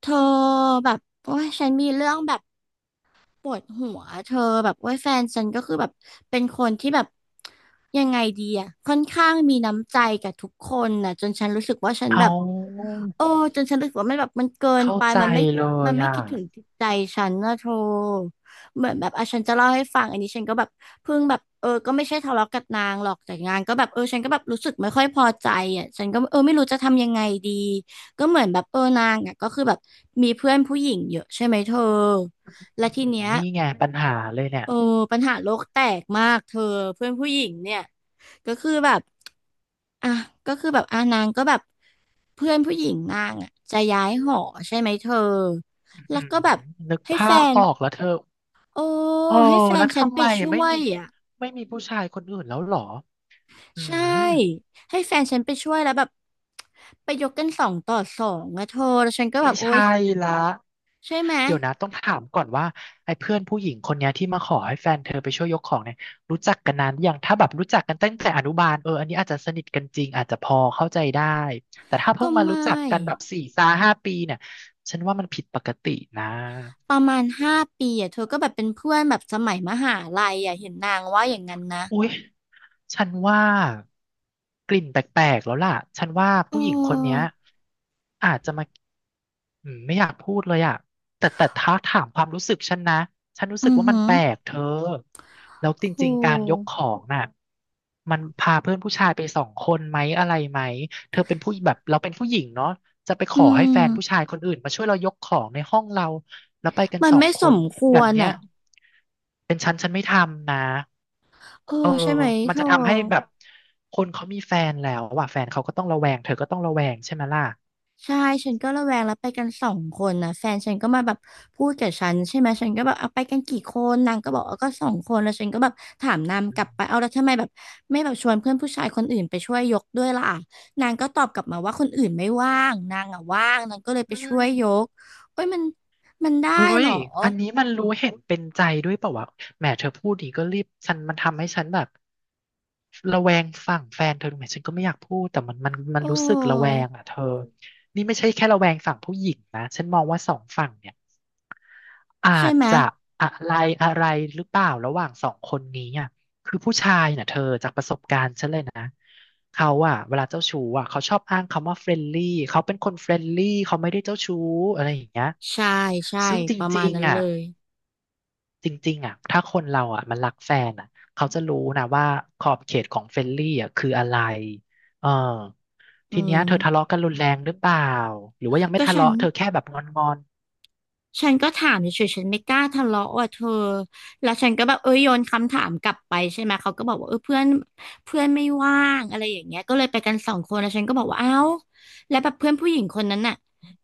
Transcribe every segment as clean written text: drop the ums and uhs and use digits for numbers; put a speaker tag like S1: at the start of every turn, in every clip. S1: เธอแบบโอ้ยฉันมีเรื่องแบบ ปวดหัวเธอแบบว่าแฟนฉันก็คือแบบเป็นคนที่แบบยังไงดีอะค่อนข้างมีน้ำใจกับทุกคนนะจนฉันรู้สึกว่าฉันแบ
S2: เอา
S1: บโอ้จนฉันรู้สึกว่ามันแบบมันเกิน
S2: เข้า
S1: ไป
S2: ใจ
S1: มันไม่
S2: เล
S1: มั
S2: ย
S1: นไม่
S2: อ่ะ
S1: คิดถึงจิตใจฉันนะเธอเหมือนแบบอ่ะฉันจะเล่าให้ฟังอันนี้ฉันก็แบบเพิ่งแบบเออก็ไม่ใช่ทะเลาะกับนางหรอกแต่งานก็แบบเออฉันก็แบบรู้สึกไม่ค่อยพอใจอ่ะฉันก็เออไม่รู้จะทำยังไงดีก็เหมือนแบบเออนางอ่ะก็คือแบบมีเพื่อนผู้หญิงเยอะใช่ไหมเธอและ
S2: อื้อ
S1: ที
S2: หือ
S1: เนี้ย
S2: นี่ไงปัญหาเลยเนี่ย
S1: โอ้ปัญหาโลกแตกมากเธอเพื่อนผู้หญิงเนี่ยก็คือแบบอ่ะก็คือแบบอ่ะนางก็แบบเพื่อนผู้หญิงนางอ่ะจะย้ายหอใช่ไหมเธอ
S2: อื้อ
S1: แล้
S2: หื
S1: ว
S2: อ
S1: ก็แบบ
S2: นึก
S1: ให้
S2: ภา
S1: แฟ
S2: พ
S1: น
S2: ออกแล้วเธอ
S1: โอ้
S2: อออ
S1: ให้แฟ
S2: แล้
S1: น
S2: ว
S1: ฉัน
S2: ทำ
S1: ไป
S2: ไม
S1: ช่
S2: ไม่
S1: ว
S2: มี
S1: ยอ่ะ
S2: ไม่มีผู้ชายคนอื่นแล้วเหรออื
S1: ใช่
S2: ม
S1: ให้แฟนฉันไปช่วยแล้วแบบไปยกกันสองต่อสองอะเธอแล้วฉันก็แบ
S2: ไม่
S1: บโอ๊ย
S2: ใช่ละ
S1: ใช่ไหม
S2: เดี๋ยวนะต้องถามก่อนว่าไอ้เพื่อนผู้หญิงคนเนี้ยที่มาขอให้แฟนเธอไปช่วยยกของเนี่ยรู้จักกันนานหรือยังถ้าแบบรู้จักกันตั้งแต่อนุบาลเอออันนี้อาจจะสนิทกันจริงอาจจะพอเข้าใจได้แต่ถ้า
S1: ก็
S2: เพิ่งมา
S1: ไม่
S2: รู้จักกันแบบสี่ซาห้าปีเนี่ยฉันว่ามันผิดปกตินะ
S1: ประมาณ5 ปีอะเธอก็แบบเป็นเพื่อนแบบสมัยมหาลัยอะเห็นนางว่าอย่างนั้นนะ
S2: อุ๊ยฉันว่ากลิ่นแปลกๆแล้วล่ะฉันว่า
S1: เ
S2: ผู้หญิงคนเนี้ย
S1: ออ
S2: อาจจะมาอืมไม่อยากพูดเลยอะแต่ถ้าถามความรู้สึกฉันนะฉันรู้
S1: อื
S2: สึก
S1: อ
S2: ว่า
S1: หื
S2: มัน
S1: อ
S2: แปลกเธอแล้ว
S1: โ
S2: จริงๆการยก
S1: ห
S2: ของน่ะ มันพาเพื่อนผู้ชายไปสองคนไหมอะไรไหมเธอเป็นผู้แบบเราเป็นผู้หญิงเนาะจะไป
S1: อื
S2: ให้แฟ
S1: ม
S2: นผู้ชายคนอื่นมาช่วยเรายกของในห้องเราแล้วไปกัน
S1: มัน
S2: สอง
S1: ไม่
S2: ค
S1: ส
S2: น
S1: มค
S2: แบ
S1: ว
S2: บ
S1: ร
S2: เนี้ย
S1: อ่ะ
S2: เป็นฉันฉันไม่ทำนะ
S1: เออ
S2: เออ
S1: ใช่ไหม
S2: มั
S1: เธ
S2: น
S1: อ
S2: จะทำให้แบบคนเขามีแฟนแล้วว่ะแฟนเขาก็ต้องระแวงเธอก็ต้องระแวงใช่ไหมล่ะ
S1: ใช่ฉันก็ระแวงแล้วไปกันสองคนนะแฟนฉันก็มาแบบพูดกับฉันใช่ไหมฉันก็แบบเอาไปกันกี่คนนางก็บอกเอาก็สองคนแล้วฉันก็แบบถามนาง
S2: อื
S1: ก
S2: ม
S1: ลับไปเอาแล้วทำไมแบบไม่แบบชวนเพื่อนผู้ชายคนอื่นไปช่วยยกด้วยล่ะนางก็ตอบกลับมาว่าคนอื่นไม่ว่างนางอ่ะว่างนางก็เลยไป
S2: อื
S1: ช่วยย
S2: ม
S1: กโอ้ยมันได้
S2: เฮ้
S1: เหร
S2: ย
S1: อ
S2: อันนี้มันรู้เห็นเป็นใจด้วยเปล่าวะแหมเธอพูดดีก็รีบฉันมันทำให้ฉันแบบระแวงฝั่งแฟนเธอดูไหมฉันก็ไม่อยากพูดแต่มัน
S1: โอ้
S2: รู้สึกระแวงอ่ะเธอนี่ไม่ใช่แค่ระแวงฝั่งผู้หญิงนะฉันมองว่าสองฝั่งเนี่ยอา
S1: ใช่
S2: จ
S1: ไหม
S2: จะอะไรอะไรหรือเปล่าระหว่างสองคนนี้อ่ะเขาอ่ะเวลาเจ้าชู้อ่ะเขาชอบอ้างคำว่าเฟรนลี่เขาเป็นคนเฟรนลี่เขาไม่ได้เจ้าชู้อะไรอย่างเงี้ย
S1: ใช่ใช่
S2: ซึ่งจ
S1: ประมา
S2: ริ
S1: ณ
S2: ง
S1: นั้น
S2: ๆอ่ะ
S1: เลย
S2: จริงๆอ่ะถ้าคนเราอ่ะมันรักแฟนอ่ะเขาจะรู้นะว่าขอบเขตของเฟรนลี่อ่ะคืออะไรเออ
S1: อื
S2: ทีเนี้ยเธอทะ
S1: ม
S2: เลาะกันรุนแรงหรือเปล่า หรือว่ายังไม่
S1: ก็
S2: ทะ
S1: ฉัน
S2: เลาะเธอแค่แบบงอน
S1: ก็ถามเฉยๆฉันไม่กล้าทะเลาะว่ะเธอ แล้วฉันก็แบบเออโยนคำถามกลับไปใช่ไหมเขาก็บอกว่าเออเพื่อนเพื่อนไม่ว่างอะไรอย่างเงี้ยก็เลยไปกันสองคนแล้วฉันก็บอกว่าเอ้าแล้วแบบเพื่อนผู้หญิงคนนั้นน่ะ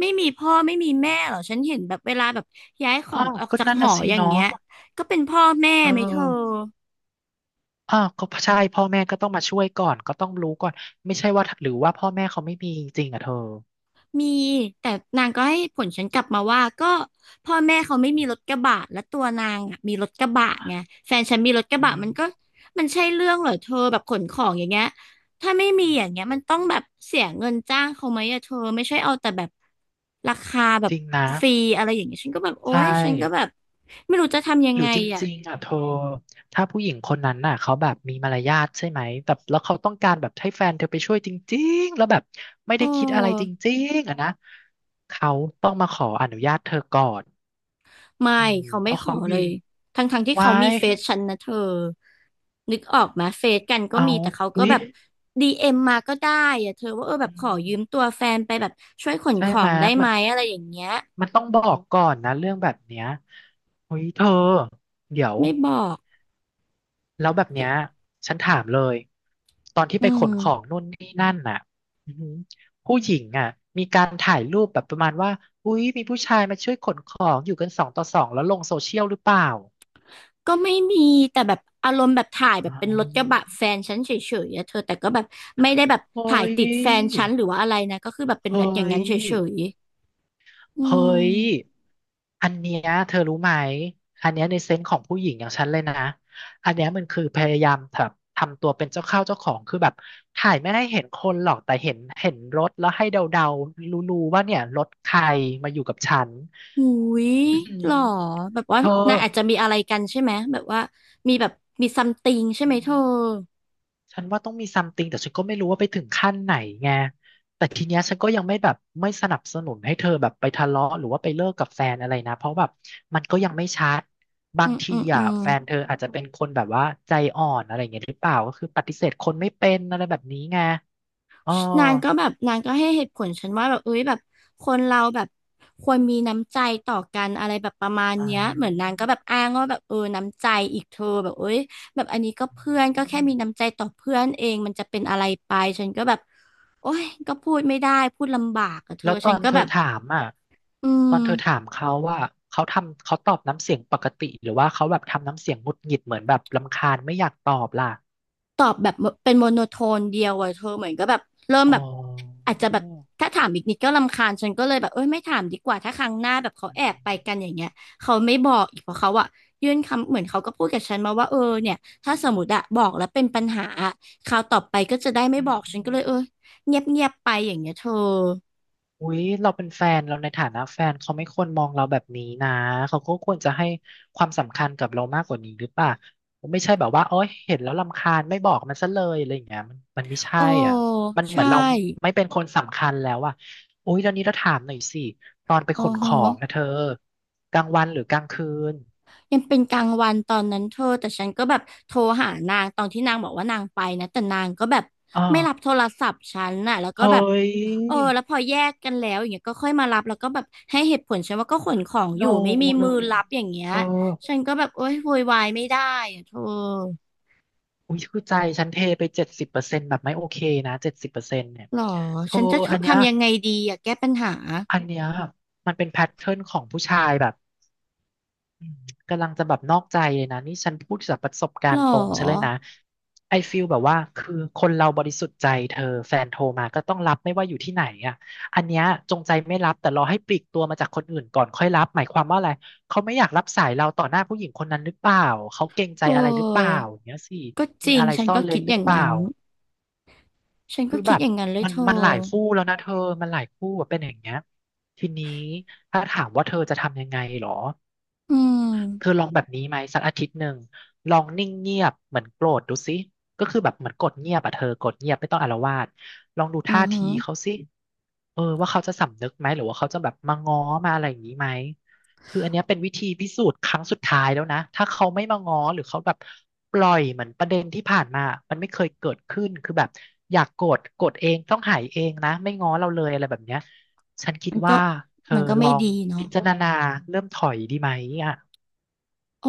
S1: ไม่มีพ่อไม่มีแม่เหรอ ฉันเห็นแบบเวลาแบบย้ายข
S2: ๆ
S1: อ
S2: อ้า
S1: ง
S2: ว
S1: ออก
S2: ก็
S1: จาก
S2: นั่น
S1: หอ
S2: น่ะสิ
S1: อย่าง
S2: เนาะ
S1: เงี้ยก็เป็นพ่อแม่
S2: เออ
S1: ไหมเธอ
S2: อ้าวก็ใช่พ่อแม่ก็ต้องมาช่วยก่อนก็ต้องรู้ก่อน ไม่ใช่ว่าหรือว่าพ่อแม่เขาไม่มีจริงอ่ะเธอ
S1: มีแต่นางก็ให้ผลฉันกลับมาว่าก็พ่อแม่เขาไม่มีรถกระบะและตัวนางอะมีรถกระบะไงแฟนฉันมีรถกระ
S2: อื
S1: บะ
S2: ม
S1: มันก็มันใช่เรื่องเหรอเธอแบบขนของอย่างเงี้ยถ้าไม่มีอย่างเงี้ยมันต้องแบบเสียเงินจ้างเขาไหมอะเธอไม่ใช่เอาแต่แบบราคาแบ
S2: จ
S1: บ
S2: ริงนะ
S1: ฟรีอะไรอย่างเงี้ยฉันก็แบบโอ๊
S2: ใช่
S1: ยฉันก็แบบไม่รู้จะทำยั
S2: ห
S1: ง
S2: รื
S1: ไง
S2: อจ
S1: อะ
S2: ริงๆอ่ะเธอถ้าผู้หญิงคนนั้นน่ะเขาแบบมีมารยาทใช่ไหมแต่แล้วเขาต้องการแบบให้แฟนเธอไปช่วยจริงๆแล้วแบบไม่
S1: โอ
S2: ได้คิดอะไรจ
S1: ้
S2: ริงๆอ่ะนะเขาต้องมาขออนุญาตเธอก่อน
S1: ไม่
S2: อืม
S1: เขา
S2: เพ
S1: ไม่
S2: ราะ
S1: ขอ
S2: เขา
S1: เล
S2: ยื
S1: ย
S2: น
S1: ทั้งที่
S2: ไว้
S1: เขามีเฟซฉันนะเธอนึกออกไหมเฟซกันก็
S2: เอา
S1: มีแต่เขาก็
S2: อุ๊ย
S1: แบบดีเอ็มมาก็ได้อะเธอว่าเออแบ
S2: อื
S1: บขอ
S2: ม
S1: ยืมตัวแฟนไปแบบช่วยขน
S2: ใช่
S1: ขอ
S2: ไหม
S1: งได้
S2: มั
S1: ไหม
S2: น
S1: อะไรอย่างเงี้ย
S2: มันต้องบอกก่อนนะเรื่องแบบเนี้ยอุ๊ยเธอเดี๋ยว
S1: ไม่บอก
S2: แล้วแบบเนี้ยฉันถามเลยตอนที่
S1: อื
S2: ไปขนของ
S1: ม
S2: นู่นนี่นั่นน่ะอือหือผู้หญิงอ่ะมีการถ่ายรูปแบบประมาณว่าอุ๊ยมีผู้ชายมาช่วยขนของอยู่กันสองต่อสองแล้วลงโซเชียลหรือเปล่า
S1: ก็ไม่มีแต่แบบอารมณ์แบบถ่ายแบ
S2: อ๋
S1: บเป็นรถกระบะ
S2: อ
S1: แฟนฉันเฉยๆอะเธอแต่ก็แบบไม่ได้แบบ
S2: เฮ้
S1: ถ่าย
S2: ย
S1: ติดแฟนฉันหรือว่าอะไรนะก็คือแบบเป็น
S2: เฮ้
S1: แบบอย่างนั้
S2: ย
S1: นเฉยๆอื
S2: เฮ้
S1: ม
S2: ย อันเนี้ยเธอรู้ไหม อันเนี้ยในเซนส์ของผู้หญิงอย่างฉันเลยนะ อันเนี้ยมันคือพยายามแบบทำตัวเป็นเจ้าเข้าเจ้าของคือแบบถ่ายไม่ให้เห็นคนหรอกแต่เห็นรถแล้วให้เดาๆรู้ๆว่าเนี่ยรถใครมาอยู่กับฉัน
S1: หูย
S2: อืม
S1: หรอแบบว่า
S2: เธอ
S1: นางอาจจะมีอะไรกันใช่ไหมแบบว่ามีแบบมีซัมติงใช่ไหมเธอ
S2: ฉันว่าต้องมีซัมติงแต่ฉันก็ไม่รู้ว่าไปถึงขั้นไหนไงแต่ทีเนี้ยฉันก็ยังไม่แบบไม่สนับสนุนให้เธอแบบไปทะเลาะหรือว่าไปเลิกกับแฟนอะไรนะเพราะแบบมันก็ยังไม่ชัดบา
S1: อื
S2: ง
S1: ม
S2: ที
S1: อืมอื
S2: อ่ะ
S1: ม
S2: แฟนเธออาจจะเป็นคนแบบว่าใจอ่อนอะไรอย่างเงี้ยหรือเปล่าก็คือปฏิเสธคนไม่เป็นอะไรแบบนี้ไงอ๋อ
S1: นางก็แบบนางก็ให้เหตุผลฉันว่าแบบเอ้ยแบบคนเราแบบควรมีน้ำใจต่อกันอะไรแบบประมาณ
S2: อ๋อ
S1: เนี้ยเหมือนนางก็แบบอ้างว่าแบบเออน้ำใจอีกเธอแบบเอ้ยแบบอันนี้ก็เพื่อนก็แค่มีน้ำใจต่อเพื่อนเองมันจะเป็นอะไรไปฉันก็แบบโอ้ยก็พูดไม่ได้พูดลำบากอะเธอ
S2: แล้วต
S1: ฉั
S2: อ
S1: น
S2: น
S1: ก็
S2: เธอ
S1: แบบ
S2: ถามอ่ะ
S1: อื
S2: ตอนเธอถา
S1: ม
S2: มเขาว่าเขาทำเขาตอบน้ำเสียงปกติหรือว่าเขาแบบทำน้ำเสียงหงุดหงิดเหมือนแบบรำคาญไม่อยากตอบล่ะ
S1: ตอบแบบเป็นโมโนโทนเดียวอะเธอเหมือนก็แบบเริ่ม
S2: อ๋อ
S1: แบบอาจจะแบบถ้าถามอีกนิดก็รำคาญฉันก็เลยแบบเอ้ยไม่ถามดีกว่าถ้าครั้งหน้าแบบเขาแอบไปกันอย่างเงี้ยเขาไม่บอกอีกเพราะเขาอะยื่นคำเหมือนเขาก็พูดกับฉันมาว่าเออเนี่ยถ้าสมมติอะบอกแล้วเป็นปัญหาอะคราวต่อไปก็จะได้ไม่
S2: อื
S1: บ
S2: ม
S1: อกฉันก็เลยเออเงียบไปอย่างเงี้ยเธอ
S2: อุ๊ยเราเป็นแฟนเราในฐานะแฟนเขาไม่ควรมองเราแบบนี้นะเขาก็ควรจะให้ความสำคัญกับเรามากกว่านี้หรือเปล่าไม่ใช่แบบว่าโอ๊ยเห็นแล้วรำคาญไม่บอกมันซะเลยอะไรอย่างเงี้ยมันไม่ใช่
S1: โอ้
S2: อ่ะมันเหมื
S1: ใช่
S2: อนเราไม่เป็นคนสำคัญแล้วอ่ะอุ๊ยตอนนี้เราถามหน่อยสิตอนไป
S1: โอ้
S2: ขน
S1: โห
S2: ของนะเธอกลางวันหรือกลางคืน
S1: ยังเป็นกลางวันตอนนั้นเธอแต่ฉันก็แบบโทรหานางตอนที่นางบอกว่านางไปนะแต่นางก็แบบ
S2: อ๋อ
S1: ไม่รับโทรศัพท์ฉันน่ะแล้วก็
S2: เฮ้
S1: แบบ
S2: ย
S1: แล้วพอแยกกันแล้วอย่างเงี้ยก็ค่อยมารับแล้วก็แบบให้เหตุผลฉันว่าก็ขนของอ
S2: โน
S1: ยู่ไม่มี
S2: เล
S1: มือ
S2: ย
S1: รั
S2: อะ
S1: บอย่างเงี้
S2: เธ
S1: ย
S2: อ
S1: ฉันก็แบบโอ๊ยโวยวายไม่ได้อะเธอ
S2: อุ้ยคือใจฉันเทไป70%แบบไม่โอเคนะเจ็ดสิบเปอร์เซ็นต์เนี่ย
S1: หรอ
S2: เธอ
S1: ฉันจะ
S2: อันเนี้ย
S1: ทำยังไงดีอะแก้ปัญหา
S2: อันเนี้ยมันเป็นแพทเทิร์นของผู้ชายแบบอืมกำลังจะแบบนอกใจเลยนะนี่ฉันพูดจากประสบกา
S1: หร
S2: ร
S1: อ
S2: ณ์ตรงฉันเลยนะไอฟีลแบบว่าคือคนเราบริสุทธิ์ใจเธอแฟนโทรมาก็ต้องรับไม่ว่าอยู่ที่ไหนอ่ะอันเนี้ยจงใจไม่รับแต่รอให้ปลีกตัวมาจากคนอื่นก่อนค่อยรับหมายความว่าอะไรเขาไม่อยากรับสายเราต่อหน้าผู้หญิงคนนั้นหรือเปล่าเขาเกรงใจ
S1: เ
S2: อะไรหรือเปล่า
S1: ออ
S2: อย่างเงี้ยสิ
S1: ก็จ
S2: มี
S1: ริง
S2: อะไร
S1: ฉัน
S2: ซ่อ
S1: ก็
S2: นเร้
S1: คิ
S2: น
S1: ด
S2: ห
S1: อ
S2: รือ
S1: ย่าง
S2: เปล่า
S1: นั้นฉันก็
S2: คือ
S1: คิ
S2: แบ
S1: ด
S2: บ
S1: อย่างนั้นเลย
S2: มั
S1: เธ
S2: น
S1: อ
S2: มันหลายคู่แล้วนะเธอมันหลายคู่แบบเป็นอย่างเงี้ยทีนี้ถ้าถามว่าเธอจะทำยังไงเหรอ
S1: อื
S2: เธอ
S1: ม
S2: ลองแบบนี้ไหมสักอาทิตย์หนึ่งลองนิ่งเงียบเหมือนโกรธดูสิก็คือแบบเหมือนกดเงียบอะเธอกดเงียบไม่ต้องอาละวาดลองดู
S1: อื
S2: ท่า
S1: อหื
S2: ที
S1: อ
S2: เขาสิเออว่าเขาจะสำนึกไหมหรือว่าเขาจะแบบมาง้อมาอะไรอย่างนี้ไหมคืออันเนี้ยเป็นวิธีพิสูจน์ครั้งสุดท้ายแล้วนะถ้าเขาไม่มาง้อหรือเขาแบบปล่อยเหมือนประเด็นที่ผ่านมามันไม่เคยเกิดขึ้นคือแบบอยากโกรธโกรธเองต้องหายเองนะไม่ง้อเราเลยอะไรแบบเนี้ยฉันคิด
S1: มันก็
S2: ว่าเธอ
S1: มันก็
S2: ล
S1: ไม่
S2: อง
S1: ดีเนาะ
S2: พิจารณาเริ่มถอยดีไหมอ่ะ
S1: โอ้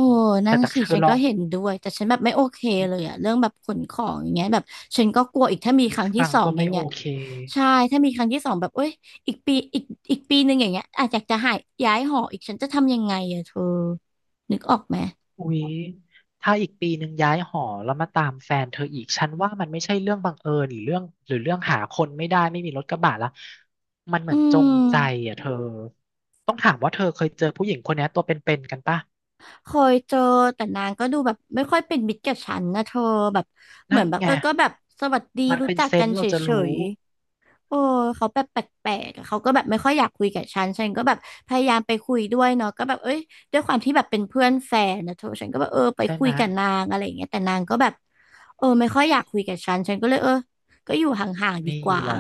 S1: นั่
S2: แต่
S1: น
S2: จาก
S1: สิ
S2: เธอ
S1: ฉัน
S2: ลอ
S1: ก็
S2: ง
S1: เห็นด้วยแต่ฉันแบบไม่โอเคเลยอะเรื่องแบบขนของอย่างเงี้ยแบบฉันก็กลัวอีกถ้ามีครั้งที่
S2: ฟัง
S1: สอง
S2: ก็
S1: อย่า
S2: ไม่
S1: ง
S2: โอ
S1: เงี้ย
S2: เค
S1: ใช่ถ้ามีครั้งที่สองแบบเอ้ยอีกปีอีกปีหนึ่งอย่างเงี้ยอาจจะหายย้ายหออีกฉันจะทำยังไงอะเธอนึกออกไหม
S2: อุ๊ยถ้าอีกปีหนึ่งย้ายหอแล้วมาตามแฟนเธออีก ฉันว่ามันไม่ใช่เรื่องบังเอิญหรือเรื่องหาคนไม่ได้ไม่มีรถกระบะละมันเหมื
S1: อื
S2: อนจง
S1: ม
S2: ใจอ่ะเธอต้องถามว่าเธอเคยเจอผู้หญิงคนนี้ตัวเป็นๆกันป่ะ
S1: เคยเจอแต่นางก็ดูแบบไม่ค่อยเป็นมิตรกับฉันนะเธอแบบเหมื
S2: นั่
S1: อ
S2: น
S1: นแบบ
S2: ไง
S1: ก็แบบสวัสดี
S2: มัน
S1: รู้
S2: เป็น
S1: จัก
S2: เซ
S1: กั
S2: น
S1: น
S2: ส์
S1: เฉ
S2: เราจะรู้
S1: ย โอ้เขาแบบแปลกๆอะเขาก็แบบไม่ค่อยอยากคุยกับฉันฉันก็แบบพยายามไปคุยด้วยเนาะก็แบบเอ้ยด้วยความที่แบบเป็นเพื่อนแฟนนะเธอฉันก็แบบไป
S2: ใช่
S1: คุ
S2: ไห
S1: ย
S2: ม
S1: กับนางอะไรอย่างเงี้ยแต่นางก็แบบไม่ค่อยอยากคุยกับฉันฉันก็เลยก็อยู่ห่างๆดี
S2: นี่
S1: กว่า
S2: ล่ะ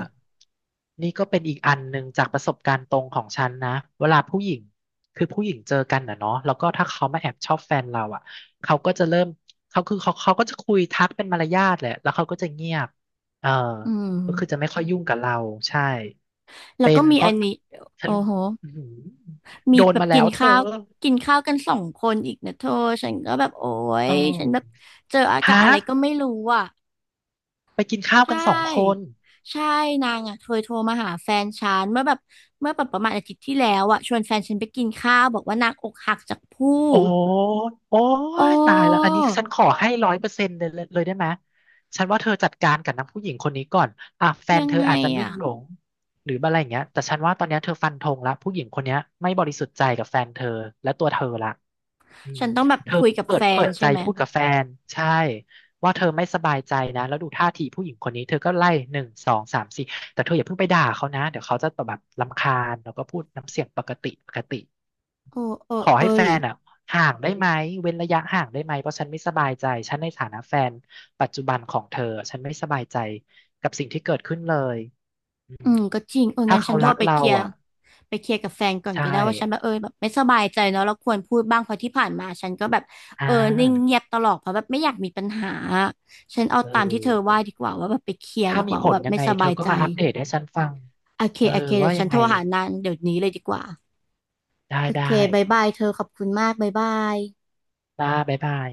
S2: นี่ก็เป็นอีกอันหนึ่งจากประสบการณ์ตรงของฉันนะเวลาผู้หญิงคือผู้หญิงเจอกันนะเนาะแล้วก็ถ้าเขามาแอบชอบแฟนเราอ่ะเขาก็จะเริ่มเขาคือเขาเขาก็จะคุยทักเป็นมารยาทแหละแล้วเขาก็จะเงียบเออ
S1: อื
S2: ก็คือจะ
S1: ม
S2: ไม่ค่อยยุ่งกับเราใช่
S1: แล้ว
S2: เป็
S1: ก็
S2: น
S1: มี
S2: เพ
S1: อั
S2: ราะ
S1: นนี้
S2: ฉั
S1: โอ้
S2: น
S1: โห
S2: อื้อหือ
S1: มี
S2: โดน
S1: แบบ
S2: มาแล้
S1: กิน
S2: วเธอ
S1: ข้าวกินข้าวกันสองคนอีกนะเธอฉันก็แบบโอ้
S2: เอ
S1: ยฉันแบบ
S2: อ
S1: เจออากาศ
S2: ฮะ
S1: อะไรก็ไม่รู้อ่ะ
S2: ไปกินข้าว
S1: ใช
S2: กันสองคน
S1: ่ใช่นางอ่ะเคยโทรมาหาแฟนฉันเมื่อแบบประมาณอาทิตย์ที่แล้วอ่ะชวนแฟนฉันไปกินข้าวบอกว่านางอกหักจากผู้
S2: โอ้ยโอ้
S1: โอ
S2: ยตายแล้ว
S1: ้
S2: อันนี้ฉันขอให้100%เลยได้ไหมฉันว่าเธอจัดการกับนางผู้หญิงคนนี้ก่อนอ่ะแฟน
S1: ยัง
S2: เธอ
S1: ไง
S2: อาจจะลุ่
S1: อ่ะ
S2: มหลงหรืออะไรอย่างเงี้ยแต่ฉันว่าตอนเนี้ยเธอฟันธงละผู้หญิงคนเนี้ยไม่บริสุทธิ์ใจกับแฟนเธอและตัวเธอละอืม
S1: ฉันต้องแบบ
S2: เธอ
S1: คุยกับ
S2: เปิ
S1: แฟ
S2: ดเปิ
S1: น
S2: ดใจ
S1: ใช่ไหม
S2: พูดกับแฟนใช่ว่าเธอไม่สบายใจนะแล้วดูท่าทีผู้หญิงคนนี้เธอก็ไล่หนึ่งสองสามสี่แต่เธออย่าเพิ่งไปด่าเขานะเดี๋ยวเขาจะแบบรำคาญแล้วก็พูดน้ำเสียงปกติปกติ
S1: โอ้เออ
S2: ขอ
S1: เออ
S2: ให้แฟ
S1: หรือ
S2: นอ่ะห่างได้ไหมเว้นระยะห่างได้ไหมเพราะฉันไม่สบายใจฉันในฐานะแฟนปัจจุบันของเธอฉันไม่สบายใจกับสิ่งที่เกิดขึ้นเลยอื
S1: อื
S2: ม
S1: มก็จริง
S2: ถ้า
S1: งั้น
S2: เขา
S1: ฉันโทร
S2: รัก
S1: ไป
S2: เรา
S1: เคลียร์
S2: อ่ะ
S1: กับแฟนก่อน
S2: ใช่
S1: ก็ได้ว่าฉันแบบแบบไม่สบายใจเนาะเราควรพูดบ้างเพราะที่ผ่านมาฉันก็แบบ
S2: อ่
S1: เออนิ่งเงี
S2: า
S1: ยบตลอดเพราะแบบไม่อยากมีปัญหาฉันเอา
S2: เอ
S1: ตามที่เธอว่า
S2: อ
S1: ดีกว่าว่าแบบไปเคลียร์
S2: ถ้า
S1: ดีก
S2: มี
S1: ว่า
S2: ผ
S1: ว่า
S2: ล
S1: แบบ
S2: ยัง
S1: ไม่
S2: ไง
S1: ส
S2: เธ
S1: บา
S2: อ
S1: ย
S2: ก็
S1: ใจ
S2: มาอัปเดตให้ฉันฟัง
S1: โอเค
S2: เออ
S1: โอเค เดี๋
S2: ว่า
S1: ยวฉั
S2: ยั
S1: น
S2: ง
S1: โท
S2: ไง
S1: รหานางเดี๋ยวนี้เลยดีกว่า
S2: ได้
S1: โอ
S2: ได้
S1: เคบายบายเธอขอบคุณมากบายบาย
S2: ได้บ๊ายบาย